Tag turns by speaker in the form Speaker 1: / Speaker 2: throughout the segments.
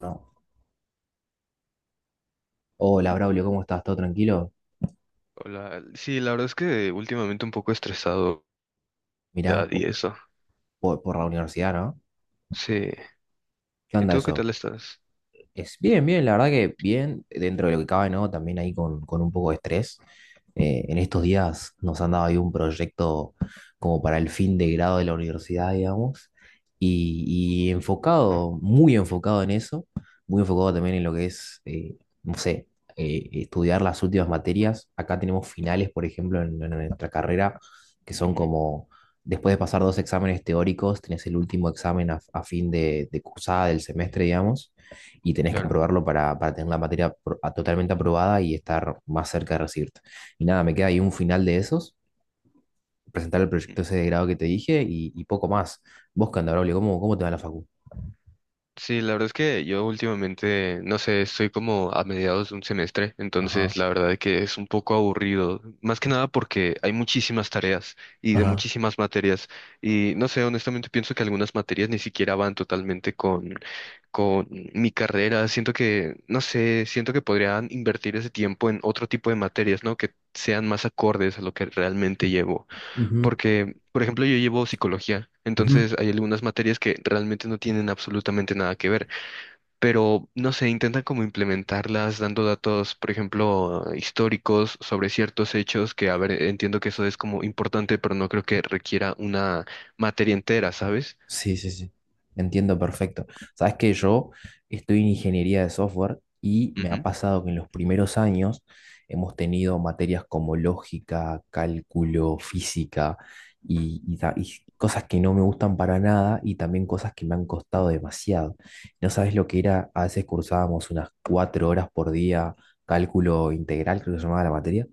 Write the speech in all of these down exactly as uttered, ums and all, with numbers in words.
Speaker 1: No. Hola, Braulio, ¿cómo estás? ¿Todo tranquilo?
Speaker 2: Hola, sí, la verdad es que últimamente un poco estresado
Speaker 1: Mirá,
Speaker 2: ya, y
Speaker 1: po-
Speaker 2: eso.
Speaker 1: po- por la universidad, ¿no?
Speaker 2: Sí.
Speaker 1: ¿Qué
Speaker 2: ¿Y
Speaker 1: onda
Speaker 2: tú qué
Speaker 1: eso?
Speaker 2: tal estás?
Speaker 1: Es bien, bien, la verdad que bien, dentro de lo que cabe, ¿no? También ahí con, con un poco de estrés. Eh, en
Speaker 2: Ujú,
Speaker 1: estos días nos han dado ahí un proyecto como para el fin de grado de la universidad, digamos, y, y enfocado, muy enfocado en eso, muy enfocado también en lo que es, eh, no sé, eh, estudiar las últimas materias. Acá tenemos finales, por ejemplo, en, en nuestra carrera, que son
Speaker 2: ujú,
Speaker 1: como, después de pasar dos exámenes teóricos, tenés el último examen a, a fin de, de cursada del semestre, digamos, y tenés que
Speaker 2: claro.
Speaker 1: aprobarlo para, para tener la materia pro- a- totalmente aprobada y estar más cerca de recibirte. Y nada, me queda ahí un final de esos, presentar el proyecto ese de grado que te dije y, y poco más. Vos, Candabrolio, ¿cómo, cómo te va la facu?
Speaker 2: Sí, la verdad es que yo últimamente, no sé, estoy como a mediados de un semestre, entonces
Speaker 1: Ajá,
Speaker 2: la verdad es que es un poco aburrido, más que nada porque hay muchísimas tareas y de
Speaker 1: ajá.
Speaker 2: muchísimas materias y no sé, honestamente pienso que algunas materias ni siquiera van totalmente con con mi carrera, siento que, no sé, siento que podrían invertir ese tiempo en otro tipo de materias, ¿no? Que sean más acordes a lo que realmente llevo.
Speaker 1: Ujú,
Speaker 2: Porque, por ejemplo, yo llevo psicología,
Speaker 1: ujú.
Speaker 2: entonces hay algunas materias que realmente no tienen absolutamente nada que ver, pero no sé, intentan como implementarlas dando datos, por ejemplo, históricos sobre ciertos hechos que, a ver, entiendo que eso es como importante, pero no creo que requiera una materia entera, ¿sabes?
Speaker 1: Sí, sí, sí. Entiendo perfecto. Sabes que yo estoy en ingeniería de software y me ha
Speaker 2: Ujú,
Speaker 1: pasado que en los primeros años hemos tenido materias como lógica, cálculo, física y, y ta- y cosas que no me gustan para nada y también cosas que me han costado demasiado. No sabes lo que era, a veces cursábamos unas cuatro horas por día cálculo integral, creo que se llamaba la materia.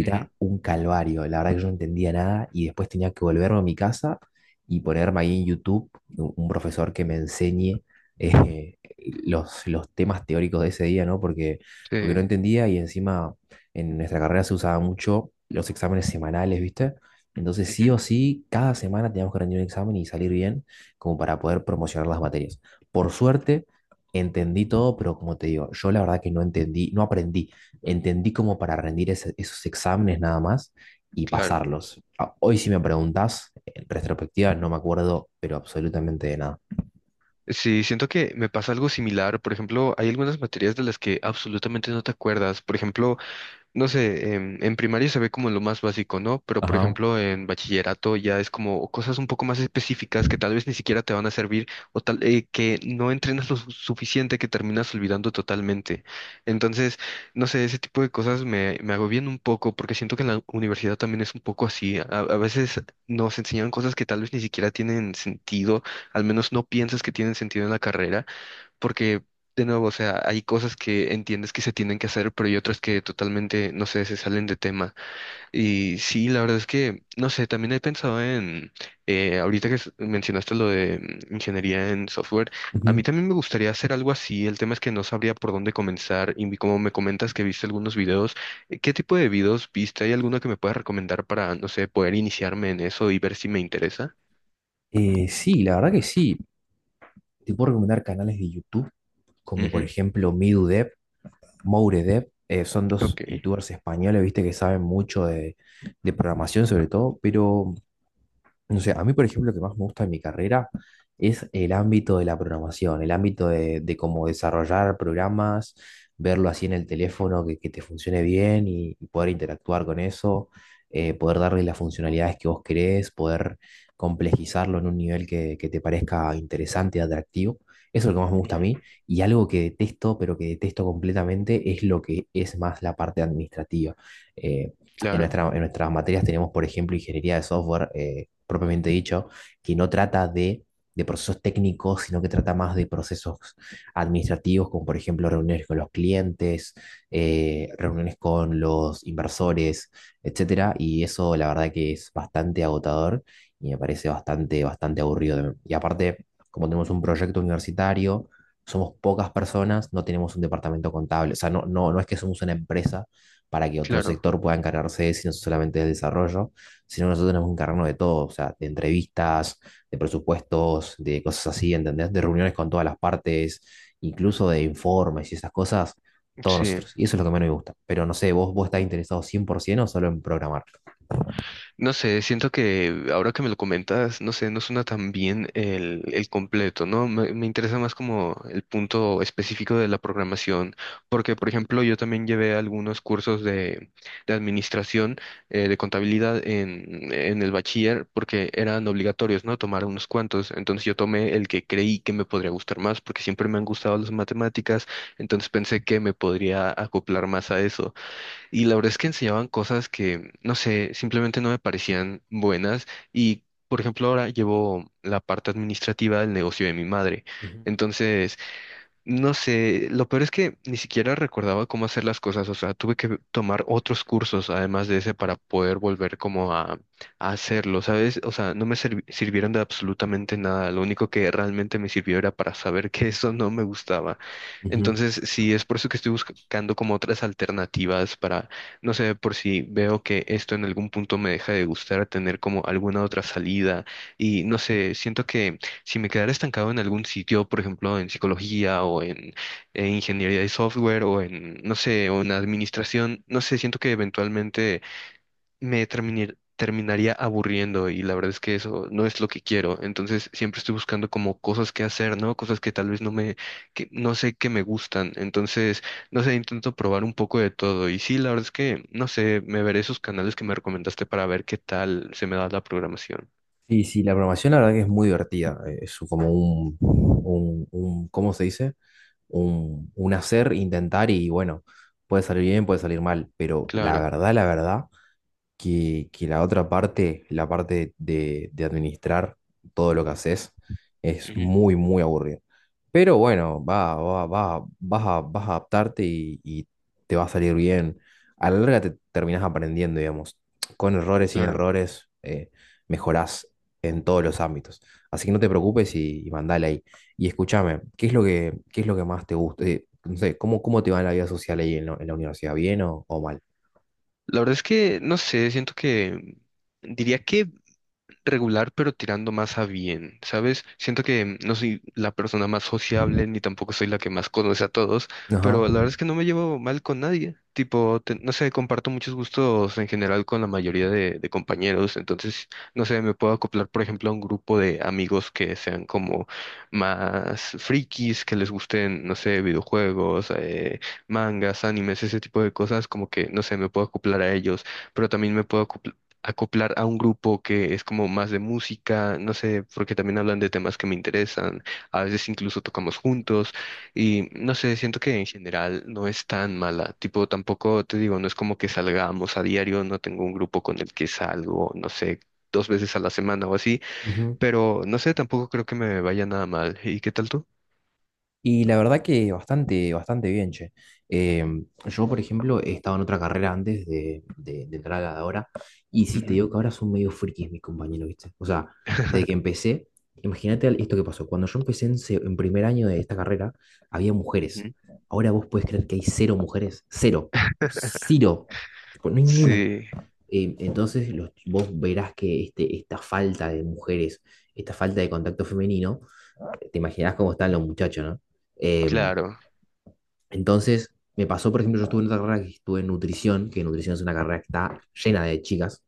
Speaker 2: ujú,
Speaker 1: un calvario, la verdad que yo no entendía nada y después tenía que volverme a mi casa y ponerme ahí en YouTube u- un profesor que me enseñe eh, los, los temas teóricos de ese día, ¿no? Porque,
Speaker 2: sí,
Speaker 1: porque no entendía y encima en nuestra carrera se usaba mucho los exámenes semanales, ¿viste? Entonces sí
Speaker 2: ujú,
Speaker 1: o sí, cada semana teníamos que rendir un examen y salir bien como para poder promocionar las materias. Por suerte, entendí todo, pero como te digo, yo la verdad que no entendí, no aprendí, entendí como para rendir ese- esos exámenes nada más y
Speaker 2: claro.
Speaker 1: pasarlos. Ah, hoy si me preguntas, en retrospectiva no me acuerdo, pero absolutamente de nada.
Speaker 2: Sí, siento que me pasa algo similar. Por ejemplo, hay algunas materias de las que absolutamente no te acuerdas. Por ejemplo, no sé, em, en, primaria se ve como lo más básico, ¿no? Pero por
Speaker 1: Ajá.
Speaker 2: ejemplo, en bachillerato ya es como cosas un poco más específicas que tal vez ni siquiera te van a servir o tal eh, que no entrenas lo su- suficiente que terminas olvidando totalmente. Entonces, no sé, ese tipo de cosas me, me agobian un poco porque siento que en la universidad también es un poco así. A, a veces nos enseñan cosas que tal vez ni siquiera tienen sentido, al menos no piensas que tienen sentido en la carrera porque, de nuevo, o sea, hay cosas que entiendes que se tienen que hacer, pero hay otras que totalmente, no sé, se salen de tema. Y sí, la verdad es que, no sé, también he pensado en, eh, ahorita que s- mencionaste lo de mm, ingeniería en software, a mí
Speaker 1: Ujú.
Speaker 2: también me gustaría hacer algo así. El tema es que no sabría por dónde comenzar y vi- como me comentas que viste algunos videos, eh, ¿qué tipo de videos viste? ¿Hay alguno que me puedas recomendar para, no sé, poder iniciarme en eso y ver si me interesa?
Speaker 1: Eh, sí, la verdad que sí. Te puedo recomendar canales de YouTube, como por
Speaker 2: Ujú,
Speaker 1: ejemplo Midudev, Mouredep. Eh, son dos
Speaker 2: ok.
Speaker 1: youtubers españoles, viste, que saben mucho de, de programación sobre todo, pero no sé, a mí, por ejemplo, lo que más me gusta de mi carrera es el ámbito de la programación, el ámbito de, de cómo desarrollar programas, verlo así en el teléfono que, que te funcione bien y, y poder interactuar con eso, eh, poder darle las funcionalidades que vos querés, poder complejizarlo en un nivel que, que te parezca interesante y atractivo. Eso es lo que más me gusta a
Speaker 2: Ujú,
Speaker 1: mí. Y algo que detesto, pero que detesto completamente, es lo que es más la parte administrativa. Eh, en,
Speaker 2: claro,
Speaker 1: nuestra, en nuestras materias tenemos, por ejemplo, ingeniería de software, eh, propiamente dicho, que no trata de, de procesos técnicos, sino que trata más de procesos administrativos, como por ejemplo reuniones con los clientes, eh, reuniones con los inversores, etcétera. Y eso la verdad que es bastante agotador y me parece bastante, bastante aburrido. Y aparte, como tenemos un proyecto universitario, somos pocas personas, no tenemos un departamento contable. O sea, no, no, no es que somos una empresa para que otro
Speaker 2: claro.
Speaker 1: sector pueda encargarse, sino solamente del desarrollo, sino nosotros tenemos que encargarnos de todo, o sea, de entrevistas, de presupuestos, de cosas así, ¿entendés? De reuniones con todas las partes, incluso de informes y esas cosas, todos
Speaker 2: Sí.
Speaker 1: nosotros. Y eso es lo que menos me gusta. Pero no sé, ¿vos, vos estás interesado cien por ciento o solo en programar?
Speaker 2: No sé, siento que ahora que me lo comentas, no sé, no suena tan bien el, el completo, ¿no? Me, me interesa más como el punto específico de la programación, porque, por ejemplo, yo también llevé algunos cursos de, de, administración, eh, de contabilidad en, en el bachiller, porque eran obligatorios, ¿no? Tomar unos cuantos. Entonces yo tomé el que creí que me podría gustar más, porque siempre me han gustado las matemáticas, entonces pensé que me podría acoplar más a eso y la verdad es que enseñaban cosas que, no sé, simplemente no me parecían buenas. Y, por ejemplo, ahora llevo la parte administrativa del negocio de mi madre.
Speaker 1: Ujú.
Speaker 2: Entonces, no sé, lo peor es que ni siquiera recordaba cómo hacer las cosas, o sea, tuve que tomar otros cursos además de ese para poder volver como a, a hacerlo, ¿sabes? O sea, no me servi- sirvieron de absolutamente nada, lo único que realmente me sirvió era para saber que eso no me gustaba.
Speaker 1: Ujú.
Speaker 2: Entonces, sí, es por eso que estoy buscando como otras alternativas para, no sé, por si veo que esto en algún punto me deja de gustar, tener como alguna otra salida y no sé, siento que si me quedara estancado en algún sitio, por ejemplo, en psicología o en, eh, ingeniería de software o en, no sé, o en administración, no sé, siento que eventualmente me termine- terminaría aburriendo y la verdad es que eso no es lo que quiero. Entonces siempre estoy buscando como cosas que hacer, ¿no? Cosas que tal vez no me, que no sé que me gustan. Entonces, no sé, intento probar un poco de todo. Y sí, la verdad es que, no sé, me veré esos canales que me recomendaste para ver qué tal se me da la programación.
Speaker 1: Sí, sí, la programación la verdad que es muy divertida. eh, Es como un, un, un- ¿cómo se dice? Un, un hacer, intentar y bueno, puede salir bien, puede salir mal, pero la
Speaker 2: Claro.
Speaker 1: verdad, la verdad que, que la otra parte, la parte de, de administrar todo lo que haces, es
Speaker 2: Ujú.
Speaker 1: muy, muy aburrido. Pero bueno, va, va, va, vas a, vas a adaptarte y, y te va a salir bien. A la larga te terminás aprendiendo, digamos. Con errores, sin
Speaker 2: Claro.
Speaker 1: errores, eh, mejorás en todos los ámbitos. Así que no te preocupes y, y mandale ahí. Y escúchame, ¿qué es lo que, qué es lo que más te gusta? Eh, no sé, ¿cómo, cómo te va en la vida social ahí en, la en la universidad? ¿Bien o, o mal?
Speaker 2: La verdad es que, no sé, siento que diría que regular, pero tirando más a bien, ¿sabes? Siento que no soy la persona más sociable, ni tampoco soy la que más conoce a todos, pero
Speaker 1: Ajá.
Speaker 2: la verdad es que no me llevo mal con nadie. Tipo, te- no sé, comparto muchos gustos en general con la mayoría de, de, compañeros, entonces, no sé, me puedo acoplar, por ejemplo, a un grupo de amigos que sean como más frikis, que les gusten, no sé, videojuegos, eh, mangas, animes, ese tipo de cosas, como que, no sé, me puedo acoplar a ellos pero también me puedo acoplar acoplar a un grupo que es como más de música, no sé, porque también hablan de temas que me interesan, a veces incluso tocamos juntos y no sé, siento que en general no es tan mala, tipo tampoco te digo, no es como que salgamos a diario, no tengo un grupo con el que salgo, no sé, dos veces a la semana o así,
Speaker 1: Ujú.
Speaker 2: pero no sé, tampoco creo que me vaya nada mal. ¿Y qué tal tú?
Speaker 1: Y la verdad que bastante, bastante bien, che. Eh, yo, por ejemplo, he estado en otra carrera antes de, de- de entrar a la de ahora, y sí te
Speaker 2: Ujú.
Speaker 1: digo que ahora son medio frikis mis compañeros, ¿viste? O sea, desde que empecé, imagínate al- esto que pasó. Cuando yo empecé en, se- en primer año de esta carrera, había mujeres.
Speaker 2: Ujú.
Speaker 1: Ahora vos podés creer que hay cero mujeres. Cero. Cero. Tipo, no hay ninguna.
Speaker 2: Sí,
Speaker 1: Eh, entonces, los- vos verás que este, esta falta de mujeres, esta falta de contacto femenino, te imaginas cómo están los muchachos, ¿no? Em,
Speaker 2: claro,
Speaker 1: entonces, me pasó, por ejemplo, yo estuve en otra carrera que estuve en nutrición, que nutrición es una carrera que está llena de chicas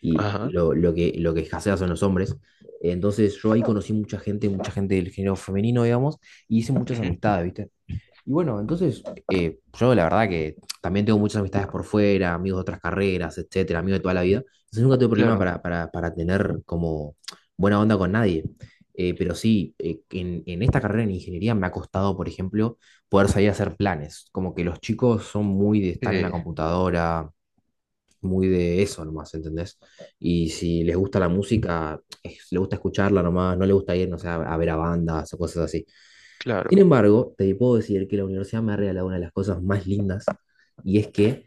Speaker 1: y
Speaker 2: ajá,
Speaker 1: lo, lo que, lo que escasea son los hombres. Entonces, yo ahí conocí mucha gente, mucha gente del género femenino, digamos, y hice muchas
Speaker 2: ujú,
Speaker 1: amistades, ¿viste? Y bueno, entonces eh, yo la verdad que también tengo muchas amistades por fuera, amigos de otras carreras, etcétera, amigos de toda la vida. Entonces nunca tuve problema
Speaker 2: claro,
Speaker 1: para, para, para tener como buena onda con nadie. Eh, pero sí, eh, en, en esta carrera en ingeniería me ha costado, por ejemplo, poder salir a hacer planes. Como que los chicos son muy de
Speaker 2: sí,
Speaker 1: estar en la computadora, muy de eso nomás, ¿entendés? Y si les gusta la música, es- les gusta escucharla nomás, no les gusta ir, no sé, a, a ver a bandas o cosas así. Sin
Speaker 2: claro,
Speaker 1: embargo, te puedo decir que la universidad me ha regalado una de las cosas más lindas y es que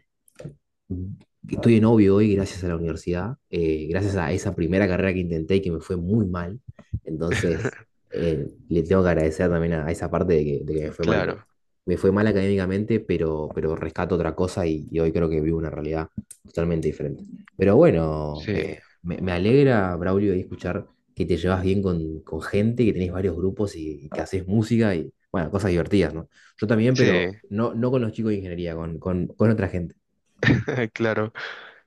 Speaker 1: estoy en novio hoy gracias a la universidad, eh, gracias a esa primera carrera que intenté y que me fue muy mal. Entonces, eh, le tengo que agradecer también a, a esa parte de que, de que me fue mal, porque
Speaker 2: claro,
Speaker 1: me fue mal académicamente, pero, pero rescato otra cosa y, y hoy creo que vivo una realidad totalmente diferente. Pero bueno,
Speaker 2: sí.
Speaker 1: eh, me, me alegra, Braulio, ahí escuchar que te llevas bien con, con gente, que tenés varios grupos y, y que haces música y, bueno, cosas divertidas, ¿no? Yo también,
Speaker 2: Sí,
Speaker 1: pero no, no con los chicos de ingeniería, con, con, con otra gente.
Speaker 2: claro.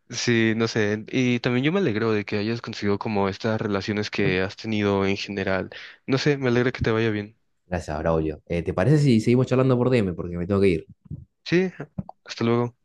Speaker 2: Sí, no sé. Y también yo me alegro de que hayas conseguido como estas relaciones que has tenido en general. No sé, me alegra que te vaya bien.
Speaker 1: Gracias, Braulio. Eh, ¿te parece si seguimos charlando por D M? Porque me tengo que ir.
Speaker 2: Sí, hasta luego.